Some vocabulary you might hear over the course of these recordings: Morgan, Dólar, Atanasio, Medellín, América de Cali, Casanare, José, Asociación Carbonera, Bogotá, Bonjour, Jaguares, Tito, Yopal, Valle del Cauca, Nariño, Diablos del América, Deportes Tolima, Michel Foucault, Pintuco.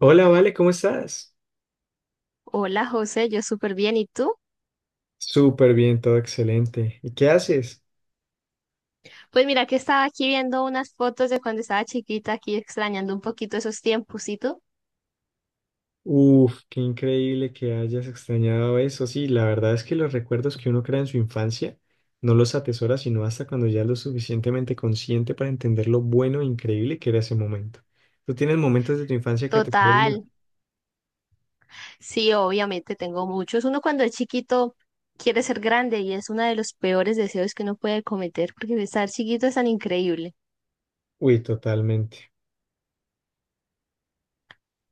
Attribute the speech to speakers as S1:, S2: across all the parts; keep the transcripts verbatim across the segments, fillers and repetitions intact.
S1: Hola, Vale, ¿cómo estás?
S2: Hola José, yo súper bien. ¿Y tú?
S1: Súper bien, todo excelente. ¿Y qué haces?
S2: Pues mira que estaba aquí viendo unas fotos de cuando estaba chiquita, aquí extrañando un poquito esos tiempos. ¿Y tú?
S1: Uf, qué increíble que hayas extrañado eso. Sí, la verdad es que los recuerdos que uno crea en su infancia no los atesora sino hasta cuando ya es lo suficientemente consciente para entender lo bueno e increíble que era ese momento. ¿Tú tienes momentos de tu infancia que te
S2: Total.
S1: quedan?
S2: Sí, obviamente tengo muchos. Uno cuando es chiquito quiere ser grande y es uno de los peores deseos que uno puede cometer porque estar chiquito es tan increíble.
S1: Uy, totalmente.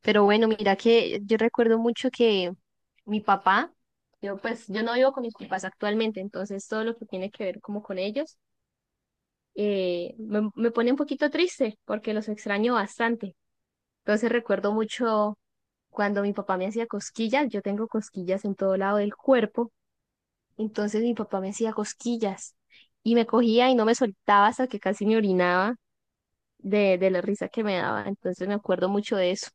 S2: Pero bueno, mira que yo recuerdo mucho que mi papá, yo pues yo no vivo con mis papás actualmente, entonces todo lo que tiene que ver como con ellos eh, me, me pone un poquito triste porque los extraño bastante. Entonces recuerdo mucho cuando mi papá me hacía cosquillas, yo tengo cosquillas en todo lado del cuerpo, entonces mi papá me hacía cosquillas y me cogía y no me soltaba hasta que casi me orinaba de, de la risa que me daba. Entonces me acuerdo mucho de eso.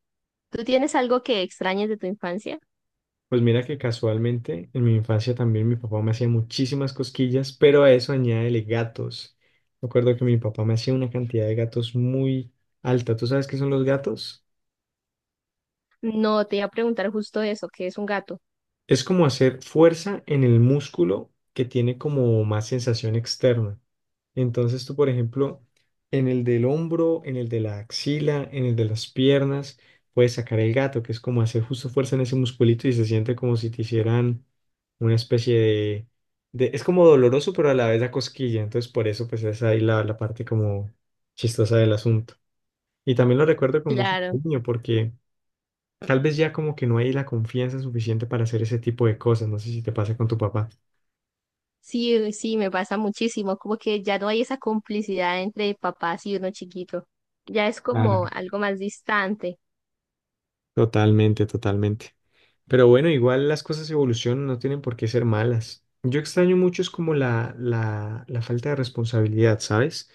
S2: ¿Tú tienes algo que extrañes de tu infancia?
S1: Pues mira que casualmente en mi infancia también mi papá me hacía muchísimas cosquillas, pero a eso añádele gatos. Me acuerdo que mi papá me hacía una cantidad de gatos muy alta. ¿Tú sabes qué son los gatos?
S2: No, te iba a preguntar justo eso, que es un gato?
S1: Es como hacer fuerza en el músculo que tiene como más sensación externa. Entonces tú, por ejemplo, en el del hombro, en el de la axila, en el de las piernas, puedes sacar el gato, que es como hacer justo fuerza en ese musculito y se siente como si te hicieran una especie de, de- es como doloroso, pero a la vez da cosquilla. Entonces por eso pues es ahí la, la parte como chistosa del asunto. Y también lo recuerdo con mucho
S2: Claro,
S1: cariño porque... Tal vez ya como que no hay la confianza suficiente para hacer ese tipo de cosas. No sé si te pasa con tu papá.
S2: sí, sí, me pasa muchísimo, como que ya no hay esa complicidad entre papás y uno chiquito, ya es como
S1: Claro.
S2: algo más distante.
S1: Totalmente, totalmente. Pero bueno, igual las cosas evolucionan, no tienen por qué ser malas. Yo extraño mucho es como la, la, la falta de responsabilidad, ¿sabes?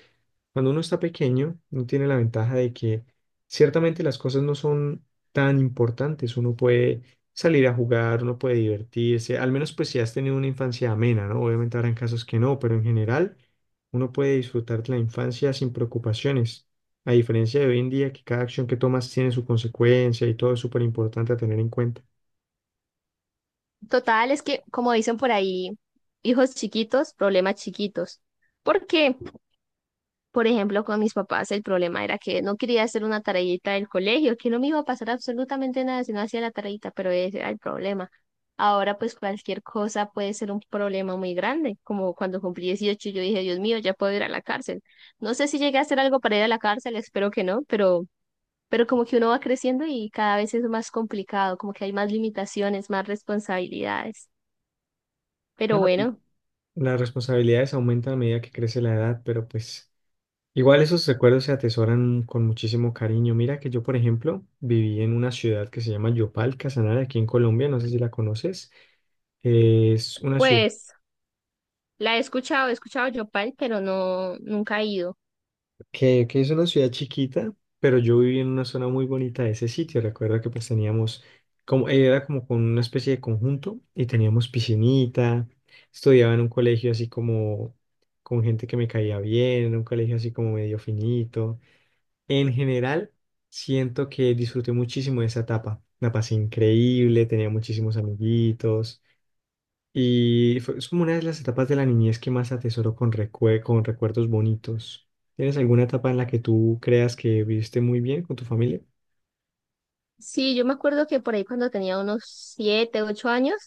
S1: Cuando uno está pequeño, uno tiene la ventaja de que ciertamente las cosas no son tan importantes. Uno puede salir a jugar, uno puede divertirse, al menos pues si has tenido una infancia amena, ¿no? Obviamente habrán casos que no, pero en general uno puede disfrutar de la infancia sin preocupaciones. A diferencia de hoy en día que cada acción que tomas tiene su consecuencia y todo es súper importante a tener en cuenta.
S2: Total, es que como dicen por ahí, hijos chiquitos, problemas chiquitos, porque por ejemplo, con mis papás el problema era que no quería hacer una tareita del colegio, que no me iba a pasar absolutamente nada si no hacía la tareita, pero ese era el problema. Ahora pues cualquier cosa puede ser un problema muy grande, como cuando cumplí dieciocho yo dije, Dios mío, ya puedo ir a la cárcel. No sé si llegué a hacer algo para ir a la cárcel, espero que no, pero, pero como que uno va creciendo y cada vez es más complicado, como que hay más limitaciones, más responsabilidades. Pero
S1: Claro,
S2: bueno,
S1: las responsabilidades aumentan a medida que crece la edad, pero pues igual esos recuerdos se atesoran con muchísimo cariño. Mira que yo, por ejemplo, viví en una ciudad que se llama Yopal, Casanare, aquí en Colombia, no sé si la conoces. Es una ciudad
S2: pues la he escuchado, he escuchado Yopal, pero no, nunca he ido.
S1: que, que es una ciudad chiquita, pero yo viví en una zona muy bonita de ese sitio. Recuerdo que pues teníamos, como, era como con una especie de conjunto y teníamos piscinita, estudiaba en un colegio así como con gente que me caía bien, en un colegio así como medio finito. En general, siento que disfruté muchísimo de esa etapa. La pasé increíble, tenía muchísimos amiguitos y fue, es como una de las etapas de la niñez que más atesoro con, recue- con recuerdos bonitos. ¿Tienes alguna etapa en la que tú creas que viviste muy bien con tu familia?
S2: Sí, yo me acuerdo que por ahí cuando tenía unos siete, ocho años,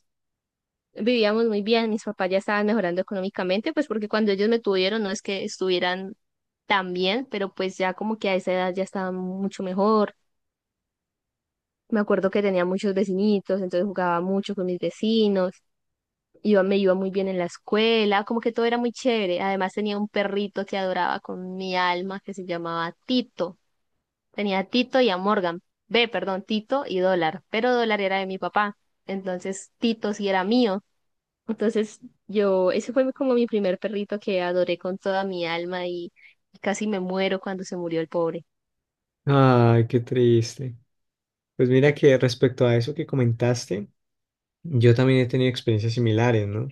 S2: vivíamos muy bien, mis papás ya estaban mejorando económicamente, pues porque cuando ellos me tuvieron no es que estuvieran tan bien, pero pues ya como que a esa edad ya estaba mucho mejor. Me acuerdo que tenía muchos vecinitos, entonces jugaba mucho con mis vecinos, iba, me iba muy bien en la escuela, como que todo era muy chévere. Además tenía un perrito que adoraba con mi alma que se llamaba Tito. Tenía a Tito y a Morgan. Ve perdón, Tito y Dólar. Pero Dólar era de mi papá. Entonces Tito sí era mío. Entonces yo, ese fue como mi primer perrito que adoré con toda mi alma y casi me muero cuando se murió el pobre.
S1: Ay, qué triste. Pues mira que respecto a eso que comentaste, yo también he tenido experiencias similares, ¿no?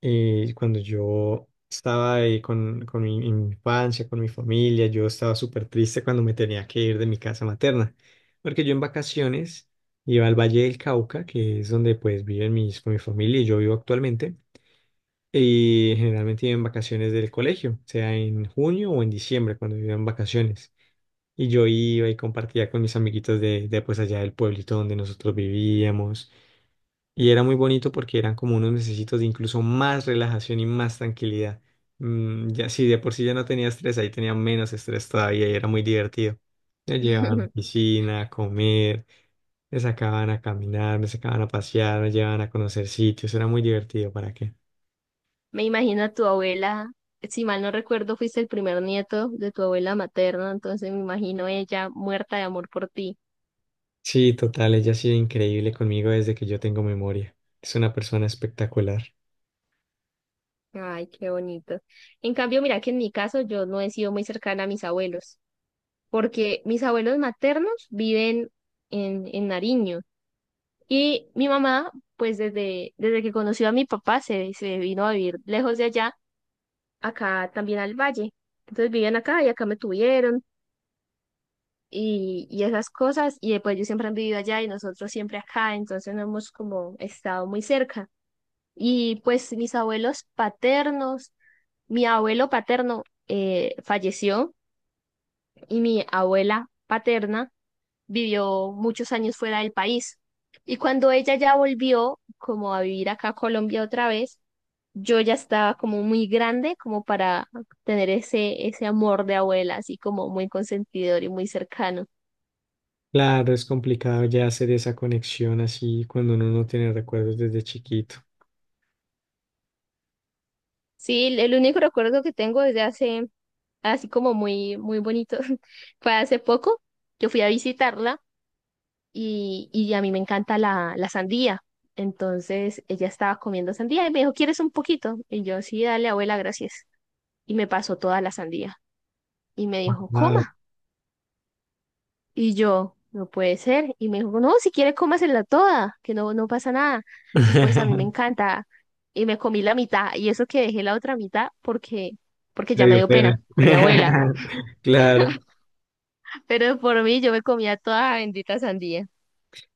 S1: eh, cuando yo estaba ahí con, con mi, en mi infancia, con mi familia, yo estaba súper triste cuando me tenía que ir de mi casa materna, porque yo en vacaciones iba al Valle del Cauca, que es donde pues viven mis, con mi familia y yo vivo actualmente, y generalmente iba en vacaciones del colegio, sea en junio o en diciembre cuando iba en vacaciones. Y yo iba y compartía con mis amiguitos de, de pues allá del pueblito donde nosotros vivíamos. Y era muy bonito porque eran como unos mesecitos de incluso más relajación y más tranquilidad. Mm, ya sí, de por sí ya no tenía estrés, ahí tenía menos estrés todavía y era muy divertido. Me llevaban a la piscina, a comer, me sacaban a caminar, me sacaban a pasear, me llevaban a conocer sitios, era muy divertido, ¿para qué?
S2: Me imagino a tu abuela, si mal no recuerdo, fuiste el primer nieto de tu abuela materna, entonces me imagino ella muerta de amor por ti.
S1: Sí, total, ella ha sido increíble conmigo desde que yo tengo memoria. Es una persona espectacular.
S2: Ay, qué bonito. En cambio, mira que en mi caso yo no he sido muy cercana a mis abuelos. Porque mis abuelos maternos viven en, en Nariño y mi mamá, pues desde, desde que conoció a mi papá, se, se vino a vivir lejos de allá, acá también al valle. Entonces vivían acá y acá me tuvieron y, y esas cosas y después ellos siempre han vivido allá y nosotros siempre acá, entonces no hemos como estado muy cerca. Y pues mis abuelos paternos, mi abuelo paterno eh, falleció y mi abuela paterna vivió muchos años fuera del país. Y cuando ella ya volvió, como a vivir acá a Colombia otra vez, yo ya estaba como muy grande como para tener ese, ese amor de abuela, así como muy consentidor y muy cercano.
S1: Claro, es complicado ya hacer esa conexión así cuando uno no tiene recuerdos desde chiquito.
S2: Sí, el el único recuerdo que tengo desde hace, así como muy, muy bonito, fue hace poco. Yo fui a visitarla y, y a mí me encanta la, la sandía. Entonces ella estaba comiendo sandía y me dijo, ¿quieres un poquito? Y yo, sí, dale, abuela, gracias. Y me pasó toda la sandía. Y me dijo,
S1: Wow.
S2: coma. Y yo, no puede ser. Y me dijo, no, si quiere cómasela toda, que no, no pasa nada. Y pues a mí me encanta. Y me comí la mitad. Y eso que dejé la otra mitad porque, porque
S1: Me
S2: ya me
S1: dio
S2: dio pena
S1: pena.
S2: con mi abuela.
S1: Claro.
S2: Pero por mí yo me comía toda la bendita sandía.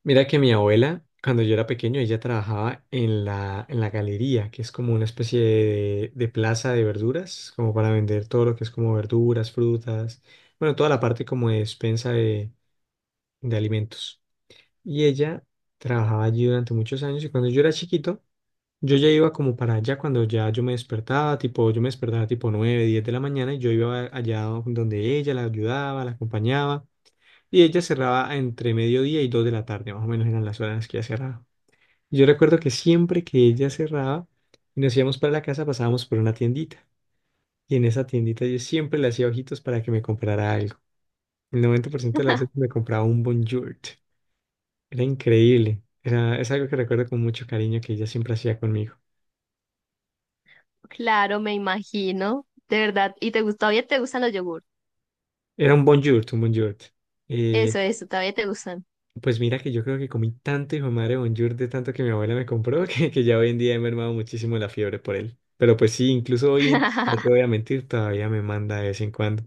S1: Mira que mi abuela, cuando yo era pequeño, ella trabajaba en la, en la galería, que es como una especie de, de plaza de verduras, como para vender todo lo que es como verduras, frutas, bueno, toda la parte como de despensa de, de alimentos. Y ella trabajaba allí durante muchos años y cuando yo era chiquito, yo ya iba como para allá cuando ya yo me despertaba, tipo, yo me despertaba tipo nueve diez de la mañana y yo iba allá donde ella la ayudaba, la acompañaba. Y ella cerraba entre mediodía y dos de la tarde, más o menos eran las horas en las que ella cerraba. Y yo recuerdo que siempre que ella cerraba y nos íbamos para la casa, pasábamos por una tiendita. Y en esa tiendita yo siempre le hacía ojitos para que me comprara algo. El noventa por ciento de las veces me compraba un Bonjour. Era increíble. Era, es algo que recuerdo con mucho cariño que ella siempre hacía conmigo.
S2: Claro, me imagino. De verdad. ¿Y te gusta, todavía te gustan los yogurts?
S1: Era un Bonjour, un Bonjour.
S2: Eso, eso, todavía te gustan.
S1: Pues mira que yo creo que comí tanto hijo de madre Bonjour de tanto que mi abuela me compró que, que ya hoy en día he mermado muchísimo la fiebre por él. Pero pues sí, incluso hoy, en- no te voy a mentir, todavía me manda de vez en cuando,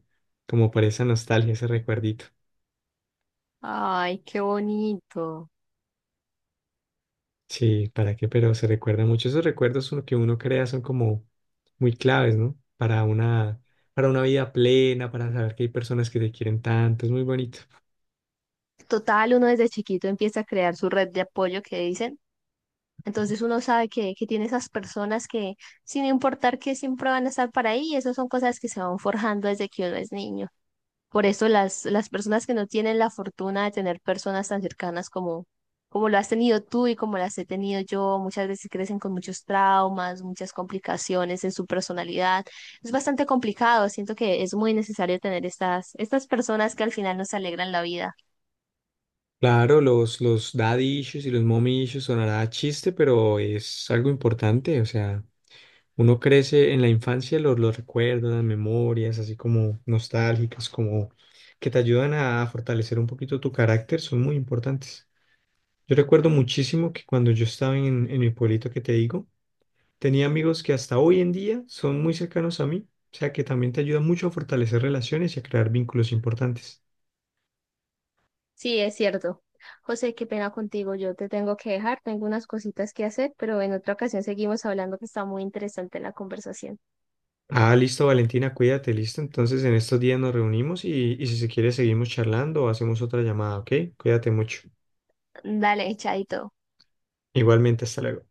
S1: como por esa nostalgia, ese recuerdito.
S2: Ay, qué bonito.
S1: Sí, ¿para qué? Pero se recuerda mucho. Esos recuerdos son lo que uno crea son como muy claves, ¿no? Para una, para una vida plena, para saber que hay personas que te quieren tanto, es muy bonito.
S2: Total, uno desde chiquito empieza a crear su red de apoyo que dicen. Entonces uno sabe que, que tiene esas personas que, sin importar que siempre van a estar para ahí, y eso son cosas que se van forjando desde que uno es niño. Por eso las, las personas que no tienen la fortuna de tener personas tan cercanas como, como lo has tenido tú y como las he tenido yo, muchas veces crecen con muchos traumas, muchas complicaciones en su personalidad. Es bastante complicado, siento que es muy necesario tener estas, estas personas que al final nos alegran la vida.
S1: Claro, los, los daddy issues y los mommy issues sonará a chiste, pero es algo importante. O sea, uno crece en la infancia, los, los recuerdos, las memorias, así como nostálgicas, como que te ayudan a fortalecer un poquito tu carácter, son muy importantes. Yo recuerdo muchísimo que cuando yo estaba en, en mi pueblito que te digo, tenía amigos que hasta hoy en día son muy cercanos a mí, o sea que también te ayuda mucho a fortalecer relaciones y a crear vínculos importantes.
S2: Sí, es cierto. José, qué pena contigo. Yo te tengo que dejar. Tengo unas cositas que hacer, pero en otra ocasión seguimos hablando que está muy interesante la conversación.
S1: Ah, listo, Valentina, cuídate, listo. Entonces en estos días nos reunimos y, y si se quiere seguimos charlando o hacemos otra llamada, ¿ok? Cuídate mucho.
S2: Dale, chaito.
S1: Igualmente, hasta luego.